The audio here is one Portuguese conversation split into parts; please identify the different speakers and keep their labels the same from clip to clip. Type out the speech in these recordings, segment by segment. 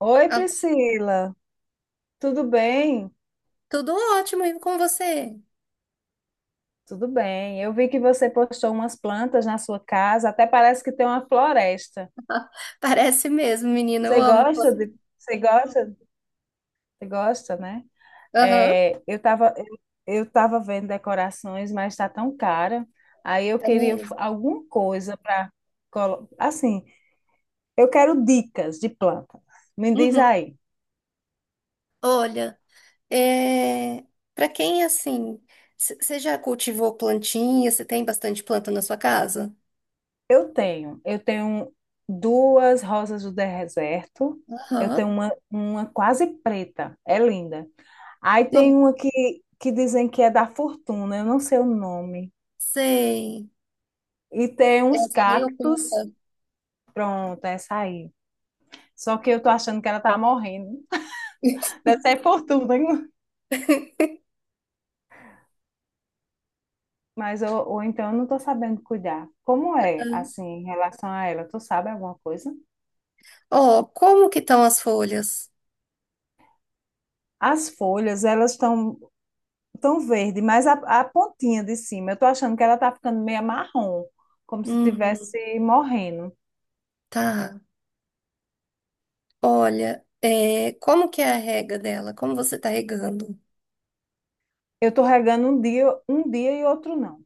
Speaker 1: Oi,
Speaker 2: Ah,
Speaker 1: Priscila, tudo bem?
Speaker 2: tudo ótimo, e com você?
Speaker 1: Tudo bem. Eu vi que você postou umas plantas na sua casa, até parece que tem uma floresta.
Speaker 2: Parece mesmo, menina, eu
Speaker 1: Você
Speaker 2: amo
Speaker 1: gosta de,
Speaker 2: planta.
Speaker 1: você gosta, né?
Speaker 2: Aham,
Speaker 1: É, eu estava eu, eu tava vendo decorações, mas está tão cara. Aí eu
Speaker 2: tá
Speaker 1: queria
Speaker 2: mesmo.
Speaker 1: alguma coisa para assim, eu quero dicas de planta. Me diz
Speaker 2: Uhum.
Speaker 1: aí.
Speaker 2: Olha, é... para quem assim, você já cultivou plantinha? Você tem bastante planta na sua casa?
Speaker 1: Eu tenho duas rosas do deserto. Eu
Speaker 2: Aham,
Speaker 1: tenho uma quase preta, é linda. Aí tem
Speaker 2: não
Speaker 1: uma que dizem que é da fortuna, eu não sei o nome.
Speaker 2: sei.
Speaker 1: E tem uns
Speaker 2: Essa é meio
Speaker 1: cactos,
Speaker 2: oculta.
Speaker 1: pronto, essa aí. Só que eu tô achando que ela tá morrendo. Deve ser fortuna, hein? Mas ou então eu não tô sabendo cuidar. Como é, assim, em relação a ela? Tu sabe alguma coisa?
Speaker 2: Ó, como que estão as folhas?
Speaker 1: As folhas, elas estão tão verde, mas a pontinha de cima, eu tô achando que ela tá ficando meio marrom, como se
Speaker 2: Hum,
Speaker 1: tivesse morrendo.
Speaker 2: tá. Olha, como que é a rega dela? Como você tá regando?
Speaker 1: Eu tô regando um dia e outro não.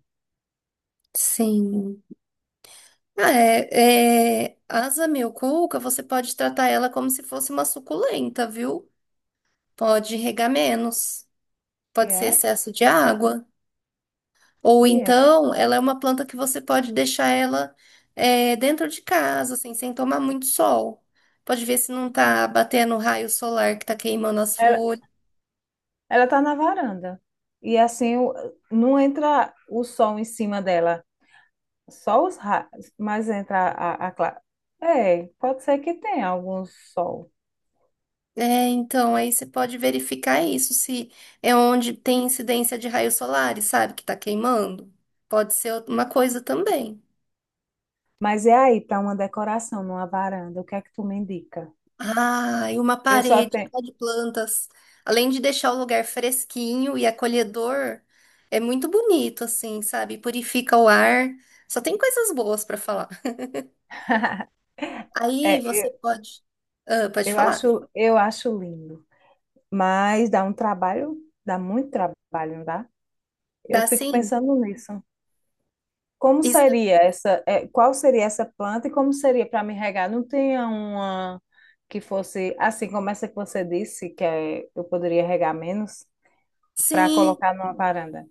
Speaker 2: Sim. Ah, asa milcuca, você pode tratar ela como se fosse uma suculenta, viu? Pode regar menos,
Speaker 1: E
Speaker 2: pode ser
Speaker 1: é?
Speaker 2: excesso de água. Ou
Speaker 1: E é.
Speaker 2: então, ela é uma planta que você pode deixar ela dentro de casa, assim, sem tomar muito sol. Pode ver se não tá batendo raio solar que tá queimando as
Speaker 1: Ela,
Speaker 2: folhas.
Speaker 1: ela tá na varanda. E assim, não entra o sol em cima dela, só os raios, mas entra a, é, pode ser que tenha algum sol.
Speaker 2: É, então, aí você pode verificar isso, se é onde tem incidência de raios solares, sabe, que tá queimando. Pode ser uma coisa também.
Speaker 1: Mas é aí, para uma decoração numa varanda, o que é que tu me indica?
Speaker 2: Ah, e uma
Speaker 1: Eu só
Speaker 2: parede
Speaker 1: tenho.
Speaker 2: só de plantas. Além de deixar o lugar fresquinho e acolhedor, é muito bonito, assim, sabe? Purifica o ar. Só tem coisas boas pra falar. Aí
Speaker 1: É,
Speaker 2: você pode. Ah, pode falar.
Speaker 1: eu acho lindo. Mas dá um trabalho, dá muito trabalho, não dá? Eu
Speaker 2: Dá
Speaker 1: fico
Speaker 2: sim?
Speaker 1: pensando nisso. Como
Speaker 2: Isso.
Speaker 1: seria essa, qual seria essa planta e como seria para me regar? Não tinha uma que fosse assim como essa que você disse, que é, eu poderia regar menos para
Speaker 2: Sim.
Speaker 1: colocar numa varanda?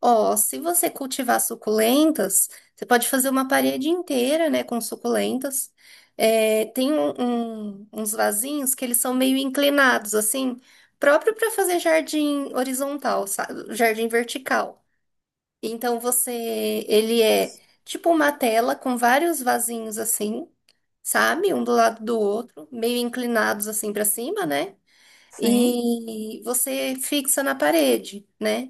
Speaker 2: Ó, se você cultivar suculentas, você pode fazer uma parede inteira, né, com suculentas. É, tem uns vasinhos que eles são meio inclinados, assim, próprio para fazer jardim horizontal, sabe? Jardim vertical. Então você, ele é tipo uma tela com vários vasinhos assim, sabe? Um do lado do outro, meio inclinados assim para cima, né?
Speaker 1: Sim.
Speaker 2: e você fixa na parede, né?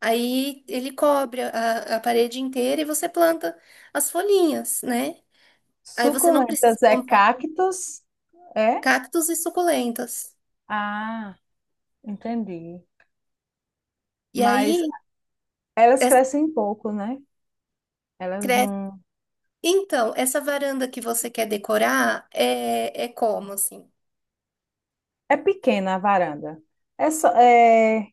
Speaker 2: Aí ele cobre a parede inteira e você planta as folhinhas, né? Aí você não precisa
Speaker 1: Suculentas é
Speaker 2: comprar
Speaker 1: cactos, é?
Speaker 2: cactos e suculentas.
Speaker 1: Ah, entendi.
Speaker 2: E
Speaker 1: Mas
Speaker 2: aí,
Speaker 1: elas
Speaker 2: essa
Speaker 1: crescem pouco, né? Elas
Speaker 2: cresce.
Speaker 1: não.
Speaker 2: Então, essa varanda que você quer decorar é como, assim?
Speaker 1: É pequena a varanda. É só, é-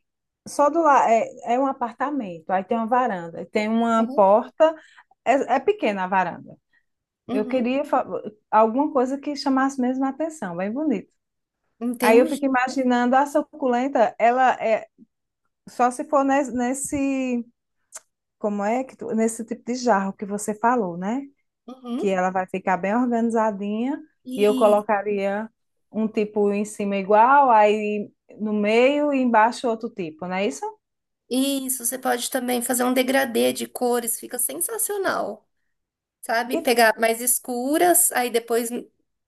Speaker 1: Só do lado, é um apartamento, aí tem uma varanda, tem uma
Speaker 2: Uhum.
Speaker 1: porta, é pequena a varanda. Eu
Speaker 2: Uhum.
Speaker 1: queria alguma coisa que chamasse mesmo a atenção, bem bonito. Aí eu
Speaker 2: Entende?
Speaker 1: fico imaginando a suculenta, ela é só se for nesse, como é que tu- nesse tipo de jarro que você falou, né? Que
Speaker 2: Uhum.
Speaker 1: ela vai ficar bem organizadinha e eu
Speaker 2: E
Speaker 1: colocaria um tipo em cima igual, aí no meio e embaixo outro tipo, não é isso?
Speaker 2: isso, você pode também fazer um degradê de cores, fica sensacional. Sabe?
Speaker 1: E-
Speaker 2: Pegar mais escuras, aí depois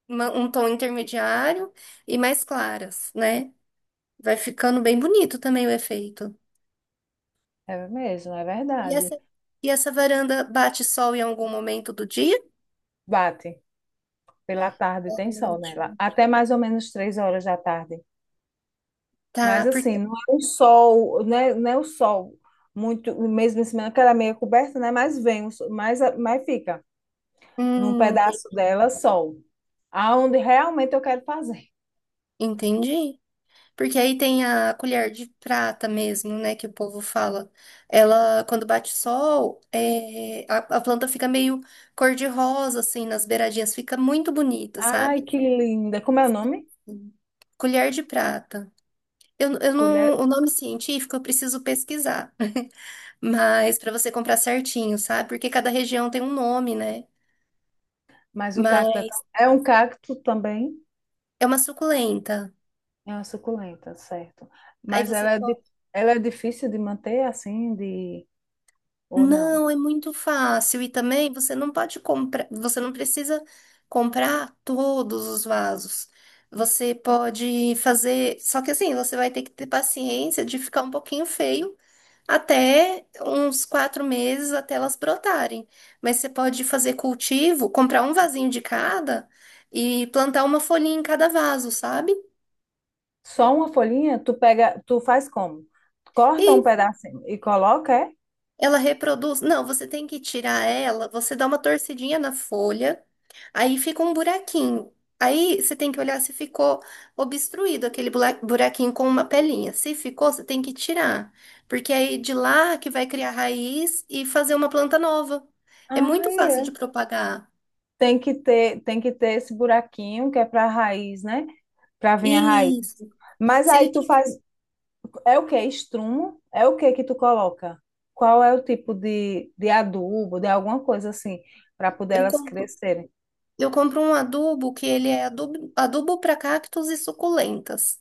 Speaker 2: um tom intermediário e mais claras, né? Vai ficando bem bonito também o efeito.
Speaker 1: É mesmo, é
Speaker 2: E
Speaker 1: verdade.
Speaker 2: essa, e essa varanda bate sol em algum momento do dia?
Speaker 1: Bate. Pela tarde tem sol, né, lá,
Speaker 2: Ótimo.
Speaker 1: até mais ou menos 3 horas da tarde. Mas
Speaker 2: Tá, porque.
Speaker 1: assim, não é um sol, não é o sol muito, mesmo em cima, que ela é meio coberta, né? Mas vem, mas fica num
Speaker 2: Hum, ente-
Speaker 1: pedaço dela sol. Aonde realmente eu quero fazer.
Speaker 2: entendi. Porque aí tem a colher de prata mesmo, né? Que o povo fala. Ela, quando bate sol, a planta fica meio cor-de-rosa, assim, nas beiradinhas. Fica muito bonita,
Speaker 1: Ai,
Speaker 2: sabe?
Speaker 1: que linda. Como é o nome?
Speaker 2: Colher de prata. Eu não,
Speaker 1: Colher.
Speaker 2: o nome científico eu preciso pesquisar, mas para você comprar certinho, sabe? Porque cada região tem um nome, né?
Speaker 1: Mas o cacto
Speaker 2: Mas
Speaker 1: é um cacto também.
Speaker 2: é uma suculenta.
Speaker 1: É uma suculenta, certo.
Speaker 2: Aí
Speaker 1: Mas
Speaker 2: você
Speaker 1: ela é difícil de manter assim, de... ou não?
Speaker 2: Não, é muito fácil. E também você não pode comprar, você não precisa comprar todos os vasos. Você pode fazer, só que assim, você vai ter que ter paciência de ficar um pouquinho feio até uns 4 meses até elas brotarem. Mas você pode fazer cultivo, comprar um vasinho de cada e plantar uma folhinha em cada vaso, sabe?
Speaker 1: Só uma folhinha? Tu faz como? Corta um
Speaker 2: E
Speaker 1: pedacinho e coloca, é?
Speaker 2: ela reproduz. Não, você tem que tirar ela, você dá uma torcidinha na folha. Aí fica um buraquinho. Aí você tem que olhar se ficou obstruído aquele buraquinho com uma pelinha. Se ficou, você tem que tirar, porque é aí de lá que vai criar raiz e fazer uma planta nova. É
Speaker 1: Ah,
Speaker 2: muito fácil de
Speaker 1: é.
Speaker 2: propagar.
Speaker 1: Tem que ter esse buraquinho que é para a raiz, né? Para vir a raiz.
Speaker 2: Isso.
Speaker 1: Mas
Speaker 2: Se ele
Speaker 1: aí tu
Speaker 2: tiver,
Speaker 1: faz, é o que? Estrumo? É o que que tu coloca? Qual é o tipo de adubo, de alguma coisa assim, para poder
Speaker 2: eu
Speaker 1: elas
Speaker 2: compro,
Speaker 1: crescerem?
Speaker 2: eu compro um adubo que ele é adubo para cactos e suculentas.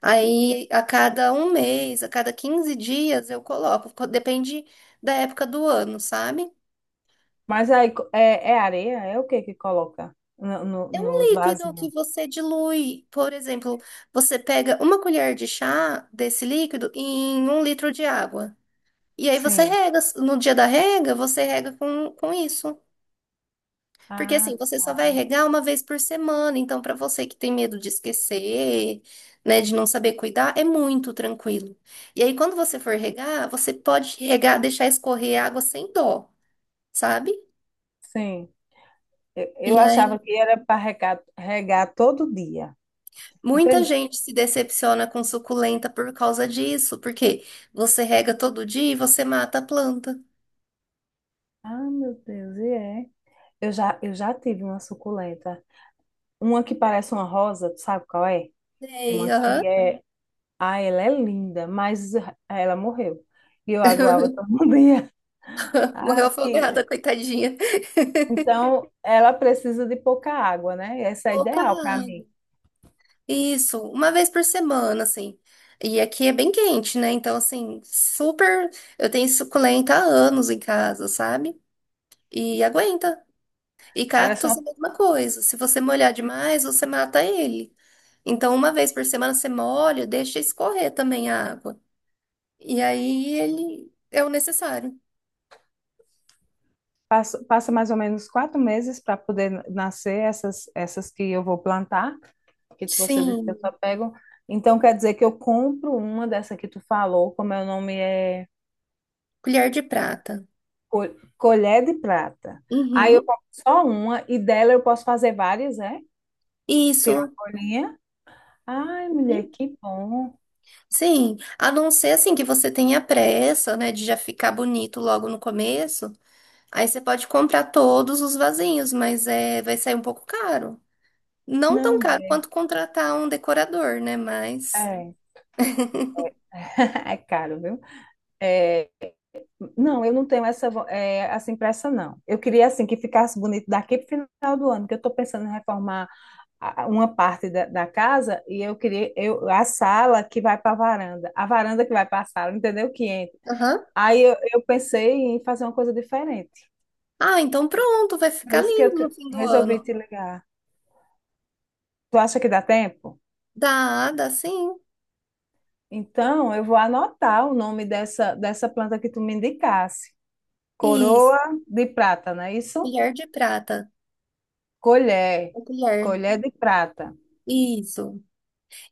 Speaker 2: Aí a cada um mês, a cada 15 dias eu coloco, depende da época do ano, sabe?
Speaker 1: Mas aí é areia? É o que que coloca
Speaker 2: É um
Speaker 1: nos
Speaker 2: líquido
Speaker 1: vasinhos?
Speaker 2: que você dilui. Por exemplo, você pega uma colher de chá desse líquido em um litro de água. E aí você
Speaker 1: Sim.
Speaker 2: rega. No dia da rega, você rega com isso. Porque
Speaker 1: Ah,
Speaker 2: assim, você só vai regar uma vez por semana. Então, para você que tem medo de esquecer, né, de não saber cuidar, é muito tranquilo. E aí, quando você for regar, você pode regar, deixar escorrer a água sem dó, sabe?
Speaker 1: sim. Eu
Speaker 2: E
Speaker 1: achava
Speaker 2: aí
Speaker 1: que era para regar, regar todo dia.
Speaker 2: muita
Speaker 1: Entende?
Speaker 2: gente se decepciona com suculenta por causa disso, porque você rega todo dia e você mata a planta.
Speaker 1: Ah, meu Deus, e é. Eu já tive uma suculenta. Uma que parece uma rosa, tu sabe qual é?
Speaker 2: Sei,
Speaker 1: Uma
Speaker 2: aham.
Speaker 1: que é. Ah, ela é linda, mas ela morreu. E eu aguava todo dia. Ah,
Speaker 2: Morreu
Speaker 1: que...
Speaker 2: afogada, coitadinha.
Speaker 1: Então, ela precisa de pouca água, né? Essa é
Speaker 2: Pouca
Speaker 1: ideal para mim.
Speaker 2: água. Isso, uma vez por semana, assim. E aqui é bem quente, né? Então, assim, super. Eu tenho suculenta há anos em casa, sabe? E aguenta. E
Speaker 1: Parece
Speaker 2: cactos é a
Speaker 1: uma,
Speaker 2: mesma coisa. Se você molhar demais, você mata ele. Então, uma vez por semana você molha, deixa escorrer também a água. E aí ele é o necessário.
Speaker 1: passa mais ou menos 4 meses para poder nascer essas que eu vou plantar. Você disse que
Speaker 2: Sim,
Speaker 1: eu só pego. Então quer dizer que eu compro uma dessa que tu falou, como é o nome, é
Speaker 2: colher de prata.
Speaker 1: co- colher de prata. Aí eu
Speaker 2: Uhum,
Speaker 1: compro só uma e dela eu posso fazer várias, é? Tirar a
Speaker 2: isso.
Speaker 1: folhinha. Ai, mulher,
Speaker 2: Uhum.
Speaker 1: que bom.
Speaker 2: Sim, a não ser assim que você tenha pressa, né, de já ficar bonito logo no começo, aí você pode comprar todos os vasinhos, mas é, vai sair um pouco caro. Não
Speaker 1: Não,
Speaker 2: tão caro
Speaker 1: mulher.
Speaker 2: quanto contratar um decorador, né, mas...
Speaker 1: É, é caro, viu? É, não, eu não tenho essa, essa impressa, não. Eu queria, assim, que ficasse bonito daqui para o final do ano, que eu estou pensando em reformar uma parte da casa e a sala que vai para a varanda que vai para a sala, entendeu? Que entra.
Speaker 2: Aham.
Speaker 1: Aí eu pensei em fazer uma coisa diferente.
Speaker 2: Ah, então pronto, vai
Speaker 1: Por
Speaker 2: ficar
Speaker 1: isso que eu
Speaker 2: lindo no fim do
Speaker 1: resolvi
Speaker 2: ano.
Speaker 1: te ligar. Tu acha que dá tempo?
Speaker 2: Dá, dá sim.
Speaker 1: Então, eu vou anotar o nome dessa planta que tu me indicasse.
Speaker 2: Isso,
Speaker 1: Coroa de prata, não é isso?
Speaker 2: colher de prata,
Speaker 1: Colher.
Speaker 2: o colher.
Speaker 1: Colher de prata.
Speaker 2: Isso.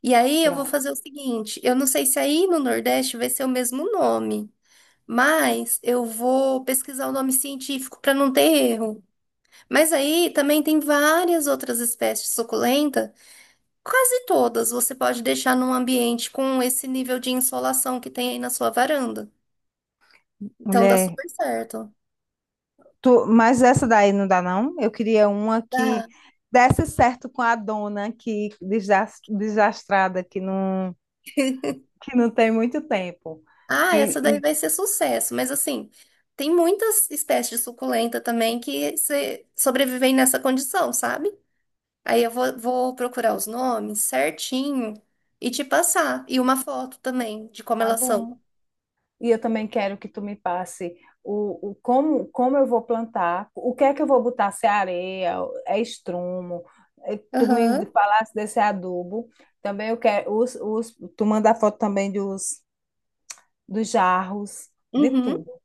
Speaker 2: E aí eu vou
Speaker 1: Pronto.
Speaker 2: fazer o seguinte, eu não sei se aí no Nordeste vai ser o mesmo nome, mas eu vou pesquisar o nome científico para não ter erro. Mas aí também tem várias outras espécies de suculenta, quase todas você pode deixar num ambiente com esse nível de insolação que tem aí na sua varanda. Então dá
Speaker 1: Mulher,
Speaker 2: super certo.
Speaker 1: Mas essa daí não dá, não? Eu queria uma que
Speaker 2: Dá.
Speaker 1: desse certo com a dona que desastrada, que não tem muito tempo.
Speaker 2: Ah, essa daí
Speaker 1: E
Speaker 2: vai ser sucesso, mas assim, tem muitas espécies de suculenta também que sobrevivem nessa condição, sabe? Aí eu vou procurar os nomes certinho e te passar. E uma foto também de como
Speaker 1: tá
Speaker 2: elas são.
Speaker 1: bom. E eu também quero que tu me passe o como eu vou plantar, o que é que eu vou botar, se é areia, é estrumo, tu me
Speaker 2: Aham.
Speaker 1: falasse desse adubo. Também eu quero, tu manda foto também dos jarros, de
Speaker 2: Uhum.
Speaker 1: tudo.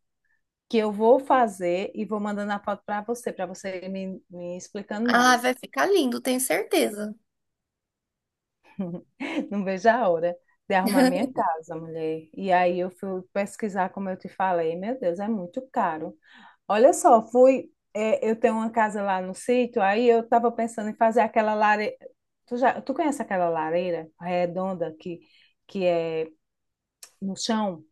Speaker 1: Que eu vou fazer e vou mandando a foto para você me explicando
Speaker 2: Ah,
Speaker 1: mais.
Speaker 2: vai ficar lindo, tenho certeza.
Speaker 1: Não vejo a hora de arrumar minha casa, mulher. E aí eu fui pesquisar, como eu te falei, meu Deus, é muito caro. Olha só, fui. Eu tenho uma casa lá no sítio, aí eu estava pensando em fazer aquela lareira. Tu conhece aquela lareira redonda que é no chão?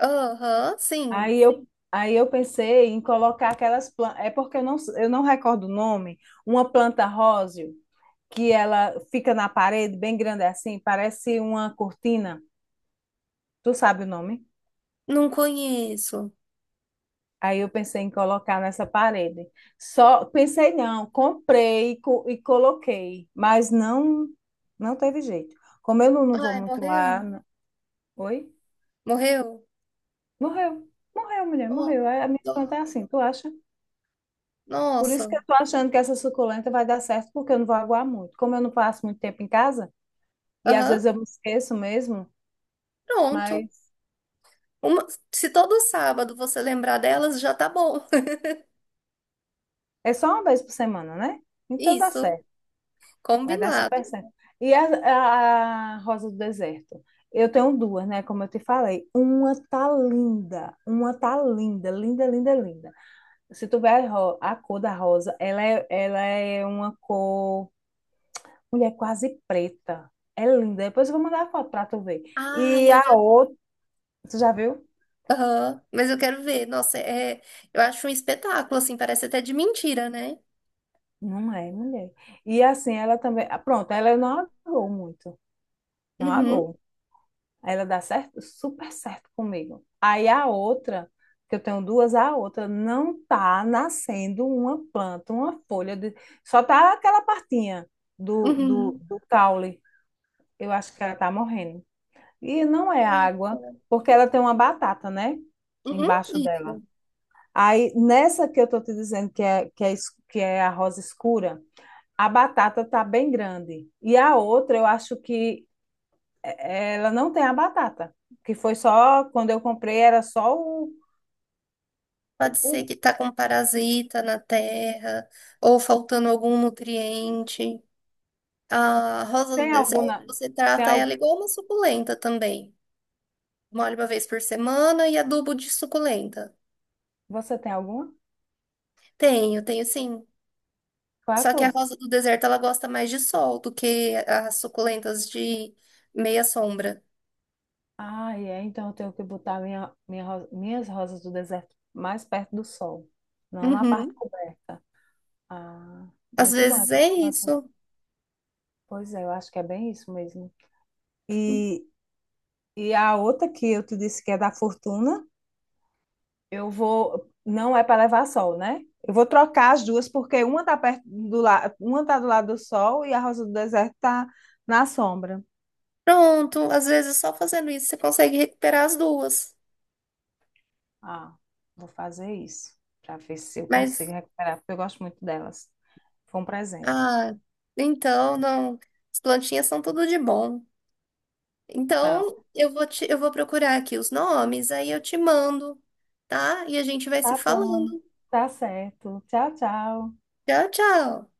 Speaker 2: Aham, sim.
Speaker 1: Aí eu pensei em colocar aquelas plantas. É porque eu não recordo o nome, uma planta róseo que ela fica na parede, bem grande assim, parece uma cortina. Tu sabe o nome?
Speaker 2: Não conheço.
Speaker 1: Aí eu pensei em colocar nessa parede. Só pensei não, comprei e coloquei, mas não teve jeito. Como eu não vou
Speaker 2: Ai,
Speaker 1: muito
Speaker 2: morreu.
Speaker 1: lá, oi?
Speaker 2: Morreu?
Speaker 1: Morreu. Morreu, mulher,
Speaker 2: Oh,
Speaker 1: morreu. A minha
Speaker 2: dó.
Speaker 1: planta é assim, tu acha? Por isso
Speaker 2: Nossa.
Speaker 1: que eu tô achando que essa suculenta vai dar certo, porque eu não vou aguar muito. Como eu não passo muito tempo em casa, e às
Speaker 2: Aham,
Speaker 1: vezes eu me esqueço mesmo,
Speaker 2: pronto.
Speaker 1: mas
Speaker 2: Uma- Se todo sábado você lembrar delas, já tá bom.
Speaker 1: é só uma vez por semana, né? Então dá
Speaker 2: Isso,
Speaker 1: certo. Vai dar
Speaker 2: combinado.
Speaker 1: super certo. E a Rosa do Deserto? Eu tenho duas, né? Como eu te falei. Uma tá linda. Uma tá linda, linda, linda, linda. Se tu ver a cor da rosa, ela é uma cor. Mulher, quase preta. É linda. Depois eu vou mandar a foto pra tu ver.
Speaker 2: Ah,
Speaker 1: E
Speaker 2: eu
Speaker 1: a
Speaker 2: já
Speaker 1: outra. Tu já viu?
Speaker 2: Aham, mas eu quero ver. Nossa, é, eu acho um espetáculo, assim, parece até de mentira, né?
Speaker 1: Não é, mulher. E assim, ela também. Ah, pronto, ela não agou muito. Não
Speaker 2: Uhum,
Speaker 1: agou. Ela dá certo, super certo comigo. Aí a outra, que eu tenho duas, a outra não tá nascendo uma planta, uma folha, de... só tá aquela partinha do, do,
Speaker 2: uhum.
Speaker 1: do caule. Eu acho que ela tá morrendo. E não é
Speaker 2: Ai, que
Speaker 1: água,
Speaker 2: bom.
Speaker 1: porque ela tem uma batata, né?
Speaker 2: Uhum,
Speaker 1: Embaixo dela.
Speaker 2: isso.
Speaker 1: Aí nessa que eu tô te dizendo que é a rosa escura, a batata tá bem grande. E a outra, eu acho que ela não tem a batata, que foi só quando eu comprei, era só o.
Speaker 2: Pode ser
Speaker 1: O-
Speaker 2: que tá com parasita na terra, ou faltando algum nutriente. A rosa do
Speaker 1: tem
Speaker 2: deserto,
Speaker 1: alguma
Speaker 2: você
Speaker 1: tem
Speaker 2: trata
Speaker 1: al-
Speaker 2: ela igual uma suculenta também. Molha uma vez por semana e adubo de suculenta.
Speaker 1: você tem alguma?
Speaker 2: Tenho, tenho sim.
Speaker 1: Qual é a
Speaker 2: Só que a
Speaker 1: cor?
Speaker 2: rosa do deserto, ela gosta mais de sol do que as suculentas de meia sombra.
Speaker 1: Ah, é, então eu tenho que botar minha, minhas rosas do deserto mais perto do sol, não na parte
Speaker 2: Uhum.
Speaker 1: coberta. Ah,
Speaker 2: Às
Speaker 1: muito bom
Speaker 2: vezes
Speaker 1: essa
Speaker 2: é
Speaker 1: informação.
Speaker 2: isso.
Speaker 1: Pois é, eu acho que é bem isso mesmo. E, e a outra que eu te disse que é da fortuna. Eu vou. Não é para levar sol, né? Eu vou trocar as duas, porque uma tá perto do lado, uma tá do lado do sol e a rosa do deserto tá na sombra.
Speaker 2: Pronto, às vezes só fazendo isso você consegue recuperar as duas.
Speaker 1: Ah, vou fazer isso para ver se eu consigo
Speaker 2: Mas,
Speaker 1: recuperar, porque eu gosto muito delas. Foi um presente.
Speaker 2: ah, então não. As plantinhas são tudo de bom. Então,
Speaker 1: Então,
Speaker 2: eu vou procurar aqui os nomes, aí eu te mando, tá? E a gente vai se
Speaker 1: tá bom.
Speaker 2: falando.
Speaker 1: Tá certo. Tchau, tchau.
Speaker 2: Tchau, tchau.